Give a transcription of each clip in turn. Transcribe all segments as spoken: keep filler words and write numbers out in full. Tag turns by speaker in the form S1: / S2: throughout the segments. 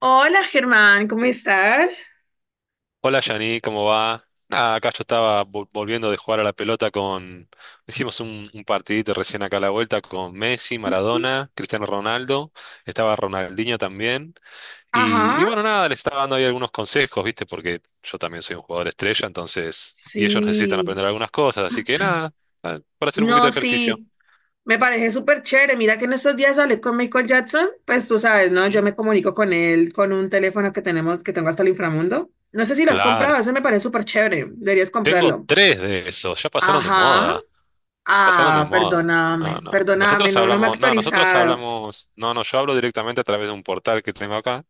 S1: Hola Germán, ¿cómo estás?
S2: Hola Yani, ¿cómo va? Nada, acá yo estaba vol- volviendo de jugar a la pelota con... Hicimos un, un partidito recién acá a la vuelta con Messi, Maradona, Cristiano Ronaldo, estaba Ronaldinho también. Y,
S1: Ajá,
S2: y bueno, nada, les estaba dando ahí algunos consejos, ¿viste? Porque yo también soy un jugador estrella, entonces... Y ellos necesitan
S1: sí.
S2: aprender algunas cosas, así que nada, ah, para hacer un poquito
S1: No,
S2: de ejercicio.
S1: sí, me parece súper chévere. Mira que en estos días hablé con Michael Jackson, pues tú sabes, ¿no? Yo
S2: Ujú.
S1: me comunico con él con un teléfono que tenemos, que tengo hasta el inframundo. No sé si lo has
S2: Claro,
S1: comprado, ese me parece súper chévere. Deberías
S2: tengo
S1: comprarlo.
S2: tres de esos, ya pasaron de
S1: Ajá.
S2: moda. Pasaron de
S1: Ah,
S2: moda. No,
S1: perdóname,
S2: no.
S1: perdóname,
S2: Nosotros
S1: no, no me he
S2: hablamos, no, nosotros
S1: actualizado.
S2: hablamos, no, no, yo hablo directamente a través de un portal que tengo acá,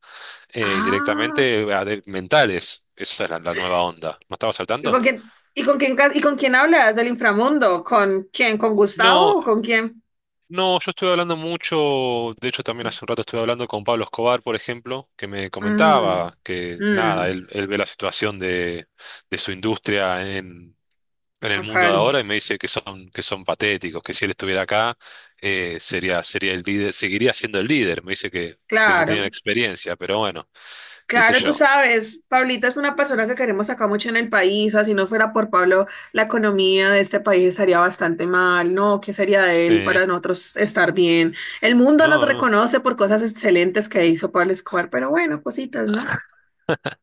S2: eh, y
S1: Ah,
S2: directamente a de- mentales. Esa es la, la nueva onda. ¿No estabas al
S1: ¿y
S2: tanto?
S1: con quién, y con quién, ca- y con quién hablas del inframundo? ¿Con quién? ¿Con
S2: No,
S1: Gustavo o con quién?
S2: no, yo estuve hablando mucho, de hecho también hace un rato estuve hablando con Pablo Escobar, por ejemplo, que me
S1: Mm,
S2: comentaba que nada,
S1: mm,
S2: él, él ve la situación de, de su industria en el mundo
S1: acá,
S2: de
S1: no.
S2: ahora y me dice que son, que son patéticos, que si él estuviera acá, eh, sería, sería el líder, seguiría siendo el líder. Me dice que, que no tiene la
S1: Claro,
S2: experiencia, pero bueno, qué sé
S1: claro, tú
S2: yo.
S1: sabes, Pablita es una persona que queremos acá mucho en el país, así no fuera por Pablo, la economía de este país estaría bastante mal, ¿no? ¿Qué sería de él
S2: Sí,
S1: para nosotros estar bien? El mundo nos
S2: no, no,
S1: reconoce por cosas excelentes que hizo Pablo Escobar, pero bueno, cositas, ¿no?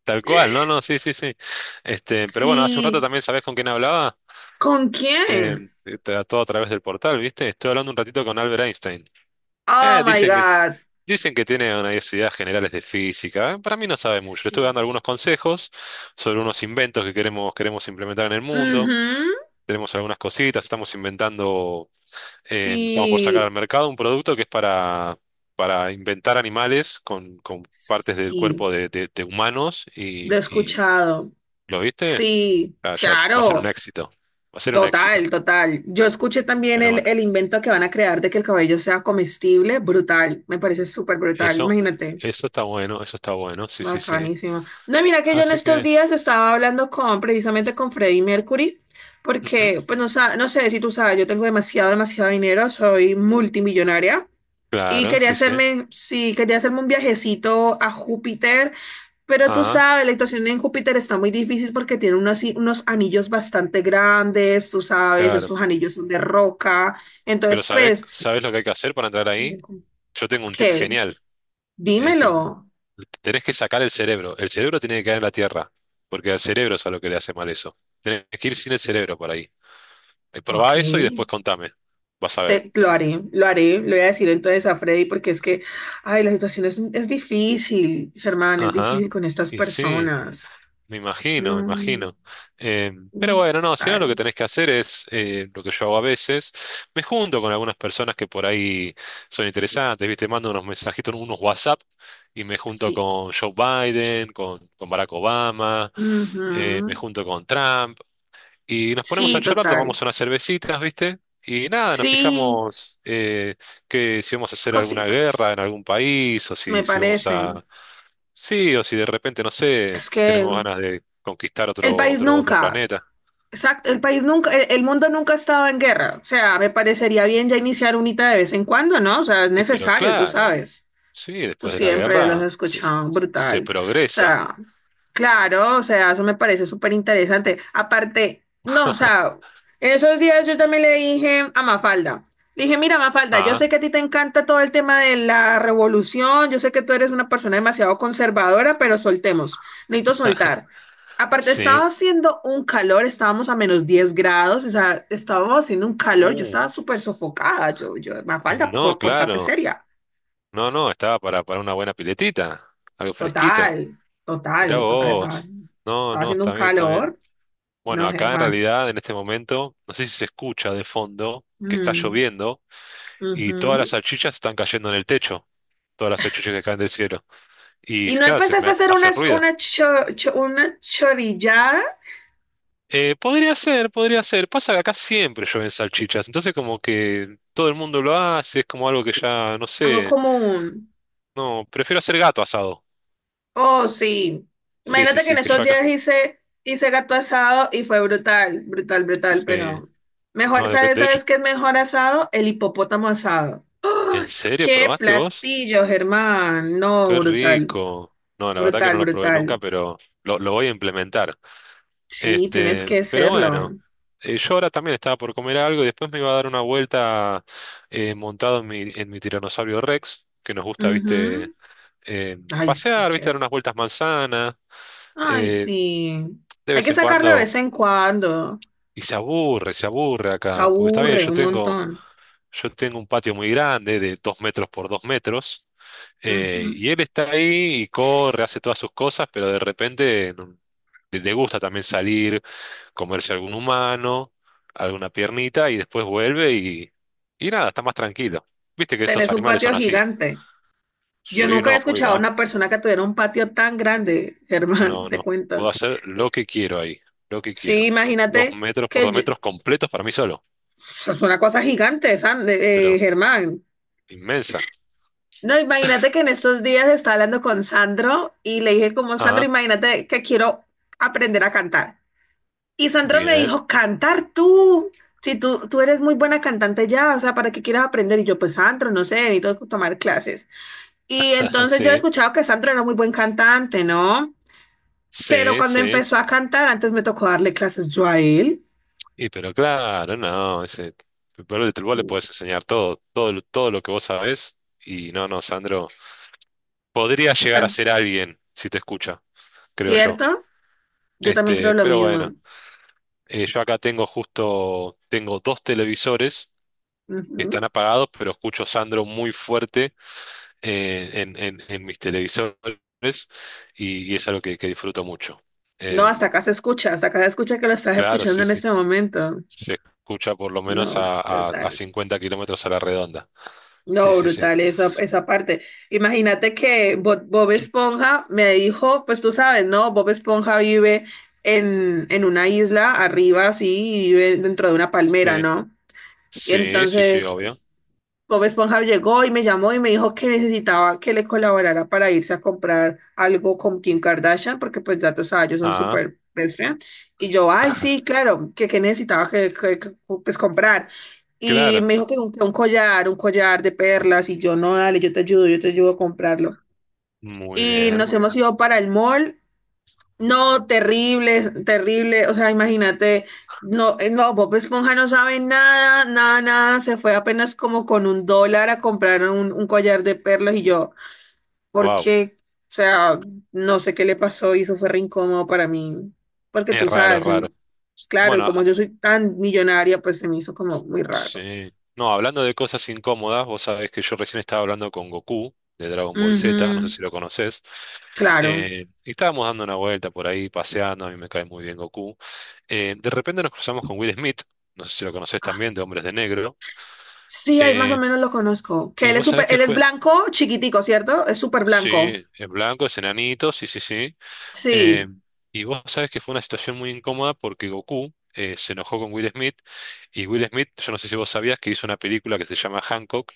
S2: tal cual, no, no, sí, sí, sí. Este, pero bueno, hace un rato
S1: Sí,
S2: también, ¿sabés con quién hablaba?
S1: ¿con quién?
S2: Eh, te- todo a través del portal, ¿viste? Estoy hablando un ratito con Albert Einstein.
S1: Oh
S2: Eh,
S1: my
S2: dicen que,
S1: God,
S2: dicen que tiene unas ideas generales de física. Eh, Para mí no sabe mucho. Le estuve dando
S1: sí.
S2: algunos consejos sobre unos inventos que queremos, queremos implementar en el mundo.
S1: Ujú.
S2: Tenemos algunas cositas, estamos inventando, eh, estamos por sacar
S1: Sí,
S2: al mercado un producto que es para, para inventar animales con, con partes del
S1: sí,
S2: cuerpo de, de- de humanos
S1: lo he
S2: y, y
S1: escuchado.
S2: ¿lo viste?
S1: Sí,
S2: Ah, ya va a ser un
S1: claro,
S2: éxito, va a ser un éxito.
S1: total, total. Yo escuché también
S2: Pero
S1: el,
S2: bueno,
S1: el invento que van a crear de que el cabello sea comestible, brutal, me parece súper brutal,
S2: eso,
S1: imagínate,
S2: eso está bueno, eso está bueno, sí, sí, sí.
S1: bacanísimo. No, mira que yo en
S2: Así
S1: estos
S2: que,
S1: días estaba hablando con, precisamente con Freddie Mercury,
S2: ujú,
S1: porque, pues no, sa- no sé si tú sabes, yo tengo demasiado, demasiado dinero, soy multimillonaria. Y
S2: claro,
S1: quería
S2: sí, sí.
S1: hacerme, sí, quería hacerme un viajecito a Júpiter, pero tú
S2: Ah,
S1: sabes, la situación en Júpiter está muy difícil porque tiene unos, i- unos anillos bastante grandes, tú sabes,
S2: claro.
S1: esos anillos son de roca. Entonces,
S2: Pero ¿sabés,
S1: pues,
S2: sabés lo que hay que hacer para entrar ahí? Yo tengo un tip
S1: ¿qué?
S2: genial. Eh, que
S1: Dímelo.
S2: tenés que sacar el cerebro. El cerebro tiene que caer en la tierra, porque al cerebro es a lo que le hace mal eso. Tenés que ir sin el cerebro por ahí. Eh,
S1: Ok,
S2: Probá eso y después contame. Vas a ver.
S1: te- lo haré, lo haré, le voy a decir entonces a Freddy porque es que, ay, la situación es, es difícil, Germán, es
S2: Ajá.
S1: difícil con estas
S2: Y sí,
S1: personas.
S2: me imagino, me
S1: No,
S2: imagino. Eh, pero
S1: no,
S2: bueno, no, si no lo que
S1: total,
S2: tenés que hacer es eh, lo que yo hago a veces. Me junto con algunas personas que por ahí son interesantes, ¿viste? Mando unos mensajitos, unos WhatsApp y me junto
S1: sí.
S2: con Joe Biden, con, con Barack Obama, eh, me
S1: Ujú.
S2: junto con Trump. Y nos ponemos a
S1: Sí,
S2: charlar,
S1: total.
S2: tomamos unas cervecitas, ¿viste? Y nada, nos
S1: Sí,
S2: fijamos eh, que si vamos a hacer alguna
S1: cositas,
S2: guerra en algún país, o
S1: me
S2: si, si vamos
S1: parecen.
S2: a... Sí, o si de repente, no sé,
S1: Es que
S2: tenemos ganas de conquistar
S1: el
S2: otro,
S1: país
S2: otro, otro
S1: nunca,
S2: planeta.
S1: exacto, el país nunca, el, el mundo nunca ha estado en guerra. O sea, me parecería bien ya iniciar unita de vez en cuando, ¿no? O sea, es
S2: Y pero
S1: necesario, tú
S2: claro,
S1: sabes.
S2: sí,
S1: Tú
S2: después de la
S1: siempre los has
S2: guerra se,
S1: escuchado,
S2: se
S1: brutal. O
S2: progresa.
S1: sea, claro, o sea, eso me parece súper interesante. Aparte, no, o sea, en esos días yo también le dije a Mafalda, le dije, mira, Mafalda, yo
S2: Ah,
S1: sé que a ti te encanta todo el tema de la revolución, yo sé que tú eres una persona demasiado conservadora, pero soltemos, necesito soltar. Aparte,
S2: sí.
S1: estaba haciendo un calor, estábamos a menos diez grados, o sea, estábamos haciendo un calor, yo
S2: Uh,
S1: estaba súper sofocada, yo, yo, Mafalda,
S2: no,
S1: por- portate
S2: claro.
S1: seria.
S2: No, no, estaba para, para una buena piletita, algo fresquito.
S1: Total,
S2: Mirá
S1: total, total. Estaba,
S2: vos. No,
S1: estaba
S2: no,
S1: haciendo
S2: está
S1: un
S2: bien, está bien.
S1: calor.
S2: Bueno,
S1: No,
S2: acá en
S1: Germán.
S2: realidad en este momento, no sé si se escucha de fondo que está
S1: Mm,
S2: lloviendo y todas las
S1: ujú.
S2: salchichas están cayendo en el techo, todas las
S1: Es
S2: salchichas
S1: que-
S2: que caen del cielo. Y
S1: ¿Y no
S2: claro, se
S1: empezaste a
S2: me
S1: hacer
S2: hace
S1: unas,
S2: ruido.
S1: una, cho- cho- una chorillada?
S2: Eh, podría ser, podría ser. Pasa que acá siempre llueven salchichas, entonces como que todo el mundo lo hace, es como algo que ya, no
S1: Algo
S2: sé,
S1: como un.
S2: no, prefiero hacer gato asado.
S1: Oh, sí.
S2: Sí, sí,
S1: Imagínate que en
S2: sí, que
S1: esos
S2: yo acá.
S1: días hice, hice gato asado y fue brutal, brutal, brutal,
S2: Sí,
S1: pero mejor,
S2: no, de,
S1: ¿sabes,
S2: de hecho,
S1: sabes qué es mejor asado? El hipopótamo asado. ¡Ah!
S2: ¿en serio
S1: ¡Qué
S2: probaste vos?
S1: platillo, Germán! No,
S2: Qué
S1: brutal,
S2: rico. No, la verdad que
S1: brutal,
S2: no lo probé nunca,
S1: brutal.
S2: pero lo, lo voy a implementar.
S1: Sí, tienes
S2: Este,
S1: que
S2: pero bueno,
S1: hacerlo.
S2: eh, yo ahora también estaba por comer algo y después me iba a dar una vuelta eh, montado en mi, en mi tiranosaurio Rex, que nos gusta,
S1: Ujú.
S2: viste, eh,
S1: Ay, súper
S2: pasear, viste, dar
S1: chévere.
S2: unas vueltas manzanas,
S1: Ay,
S2: eh,
S1: sí.
S2: de
S1: Hay
S2: vez
S1: que
S2: en
S1: sacarlo de
S2: cuando,
S1: vez en cuando.
S2: y se aburre, se aburre
S1: Se
S2: acá, porque está bien,
S1: aburre
S2: yo
S1: un
S2: tengo,
S1: montón.
S2: yo tengo un patio muy grande de dos metros por dos metros. Eh,
S1: Ujú.
S2: y él está ahí y corre, hace todas sus cosas, pero de repente no- le le gusta también salir, comerse algún humano, alguna piernita, y después vuelve y, y nada, está más tranquilo. Viste que estos
S1: Tenés un
S2: animales
S1: patio
S2: son así.
S1: gigante. Yo
S2: Sí,
S1: nunca había
S2: no, muy
S1: escuchado a
S2: grande.
S1: una persona que tuviera un patio tan grande, Germán,
S2: No,
S1: te
S2: no. Puedo
S1: cuento.
S2: hacer lo
S1: Eh,
S2: que quiero ahí, lo que
S1: Sí,
S2: quiero. Son dos
S1: imagínate
S2: metros por
S1: que
S2: dos
S1: yo-
S2: metros completos para mí solo,
S1: eso es una cosa gigante, San- eh, eh,
S2: pero
S1: Germán.
S2: inmensa.
S1: No, imagínate que en estos días estaba hablando con Sandro y le dije como, Sandro,
S2: Ah,
S1: imagínate que quiero aprender a cantar. Y Sandra me
S2: bien.
S1: dijo, cantar tú, si tú, tú eres muy buena cantante ya, o sea, ¿para qué quieres aprender? Y yo, pues Sandra, no sé, necesito tomar clases. Y entonces yo he
S2: Sí,
S1: escuchado que Sandra era muy buen cantante, ¿no? Pero
S2: sí,
S1: cuando
S2: sí.
S1: empezó a cantar, antes me tocó darle clases yo a él.
S2: Y pero claro, no, ese, pero el- vos le podés enseñar todo, todo, todo lo que vos sabés. Y no, no, Sandro, podría llegar a
S1: Ah,
S2: ser alguien si te escucha, creo yo.
S1: ¿cierto? Yo también creo
S2: Este,
S1: lo
S2: pero
S1: mismo.
S2: bueno, eh, yo acá tengo justo, tengo dos televisores que están
S1: Ujú.
S2: apagados, pero escucho Sandro muy fuerte eh, en, en, en mis televisores y, y es algo que, que disfruto mucho.
S1: No, hasta
S2: Em,
S1: acá se escucha, hasta acá se escucha que lo estás
S2: claro,
S1: escuchando
S2: sí,
S1: en
S2: sí,
S1: este momento.
S2: se escucha por lo menos
S1: No,
S2: a, a, a
S1: brutal.
S2: cincuenta kilómetros a la redonda. Sí,
S1: No,
S2: sí, sí.
S1: brutal esa, esa parte. Imagínate que Bo- Bob Esponja me dijo, pues tú sabes, ¿no? Bob Esponja vive en, en una isla arriba, así, y vive dentro de una palmera,
S2: Sí,
S1: ¿no? Y
S2: sí, sí, sí,
S1: entonces
S2: obvio.
S1: Bob Esponja llegó y me llamó y me dijo que necesitaba que le colaborara para irse a comprar algo con Kim Kardashian, porque pues ya tú sabes, ellos son
S2: Ah,
S1: súper best friend. Y yo, ay, sí, claro, que, que necesitaba que, que- que, pues comprar. Y
S2: claro.
S1: me dijo que un, que un collar, un collar de perlas, y yo, no, dale, yo te ayudo, yo te ayudo a comprarlo.
S2: Muy
S1: Y
S2: bien,
S1: nos
S2: muy bien.
S1: hemos ido para el mall, no, terrible, terrible. O sea, imagínate, no, eh, no, Bob Esponja no sabe nada, nada, nada. Se fue apenas como con un dólar a comprar un, un collar de perlas y yo,
S2: Wow.
S1: porque, o sea, no sé qué le pasó y eso fue re incómodo para mí. Porque
S2: Es
S1: tú
S2: raro, es
S1: sabes, eh,
S2: raro.
S1: pues, claro, y
S2: Bueno,
S1: como
S2: ah,
S1: yo soy tan millonaria, pues se me hizo como muy raro.
S2: sí. No, hablando de cosas incómodas, vos sabés que yo recién estaba hablando con Goku de Dragon Ball Z, no sé
S1: Ujú,
S2: si lo conocés.
S1: claro.
S2: Eh, y estábamos dando una vuelta por ahí, paseando, a mí me cae muy bien Goku. Eh, de repente nos cruzamos con Will Smith, no sé si lo conocés
S1: Ah,
S2: también, de Hombres de Negro.
S1: sí, ahí más o
S2: Eh,
S1: menos lo conozco. Que
S2: y
S1: él es
S2: vos sabés
S1: súper,
S2: qué
S1: él es
S2: fue.
S1: blanco, chiquitico, ¿cierto? Es súper blanco.
S2: Sí, es blanco, es enanito, sí, sí, sí. Eh,
S1: Sí,
S2: y vos sabés que fue una situación muy incómoda porque Goku eh, se enojó con Will Smith y Will Smith, yo no sé si vos sabías que hizo una película que se llama Hancock,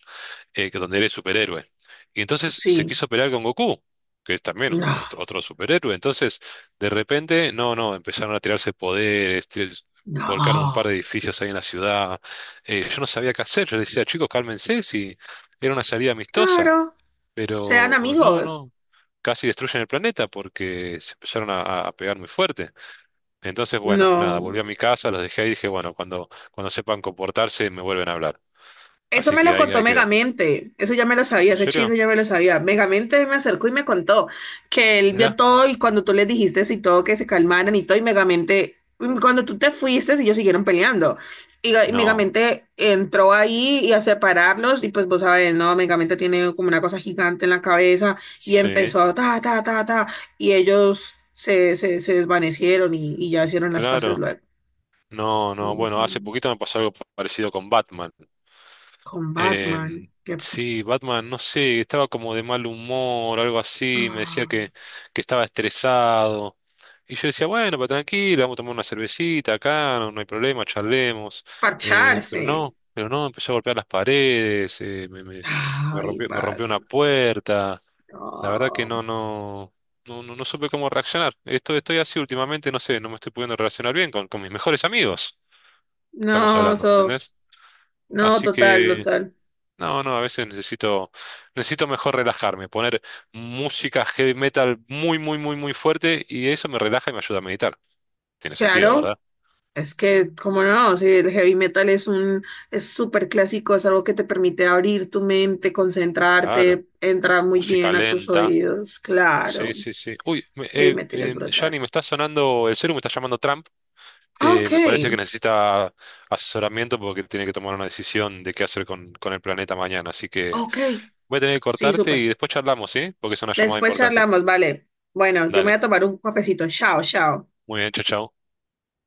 S2: eh, que donde él es superhéroe. Y entonces se
S1: sí.
S2: quiso pelear con Goku, que es también un-
S1: No,
S2: otro, otro superhéroe. Entonces, de repente, no, no, empezaron a tirarse poderes, tir- volcaron un par
S1: no,
S2: de edificios ahí en la ciudad. Eh, yo no sabía qué hacer, yo decía, chicos, cálmense, si era una salida amistosa.
S1: claro, sean
S2: Pero no,
S1: amigos.
S2: no casi destruyen el planeta porque se empezaron a, a- a pegar muy fuerte. Entonces, bueno, nada,
S1: No.
S2: volví a mi casa, los dejé ahí y dije, bueno, cuando, cuando sepan comportarse me vuelven a hablar.
S1: Eso
S2: Así
S1: me
S2: que
S1: lo
S2: ahí,
S1: contó
S2: ahí quedó.
S1: Megamente, eso ya me lo sabía,
S2: ¿En
S1: ese
S2: serio?
S1: chisme ya me lo sabía. Megamente me acercó y me contó que él vio
S2: Mirá.
S1: todo y cuando tú le dijiste y todo que se calmaran y todo, y Megamente, mm, cuando tú te fuiste, ellos siguieron peleando. Y, y
S2: No.
S1: Megamente entró ahí y a separarlos y pues vos sabes, ¿no? Megamente tiene como una cosa gigante en la cabeza y
S2: Sí,
S1: empezó ta, ta, ta, ta, y ellos se, se, se desvanecieron y, y ya hicieron las paces
S2: claro.
S1: luego.
S2: No, no, bueno, hace
S1: Ujú.
S2: poquito me pasó algo parecido con Batman.
S1: Con Batman,
S2: Em,
S1: que,
S2: sí, Batman, no sé, estaba como de mal humor, algo así, me decía
S1: ah.
S2: que, que estaba estresado. Y yo decía, bueno, pero tranquilo, vamos a tomar una cervecita acá, no, no hay problema, charlemos. Eh, pero
S1: Parcharse.
S2: no, pero no, empezó a golpear las paredes, eh, me, me, me
S1: Ay,
S2: rompió, me
S1: va,
S2: rompió una puerta. La verdad que
S1: no.
S2: no, no, no, no, no supe cómo reaccionar. Esto estoy así últimamente, no sé, no me estoy pudiendo relacionar bien con, con mis mejores amigos que estamos
S1: No,
S2: hablando, ¿me
S1: so,
S2: entendés?
S1: no,
S2: Así
S1: total,
S2: que...
S1: total.
S2: No, no, a veces necesito, necesito mejor relajarme, poner música heavy metal muy, muy, muy, muy fuerte y eso me relaja y me ayuda a meditar. Tiene sentido,
S1: Claro,
S2: ¿verdad?
S1: es que, como no, si el heavy metal es un, es súper clásico, es algo que te permite abrir tu mente,
S2: Claro,
S1: concentrarte, entra muy
S2: música
S1: bien a tus
S2: lenta.
S1: oídos.
S2: Sí,
S1: Claro,
S2: sí, sí. Uy, me-
S1: heavy
S2: eh,
S1: metal es
S2: eh, Gianni,
S1: brutal.
S2: me está sonando el celu, me está llamando Trump. Eh,
S1: Ok,
S2: me parece que necesita asesoramiento porque tiene que tomar una decisión de qué hacer con, con el planeta mañana. Así que
S1: ok,
S2: voy a tener que
S1: sí,
S2: cortarte y
S1: súper.
S2: después charlamos, ¿sí? Porque es una llamada
S1: Después
S2: importante.
S1: charlamos, vale. Bueno, yo me voy
S2: Dale,
S1: a tomar un cafecito. Chao, chao.
S2: muy bien, chao, chao.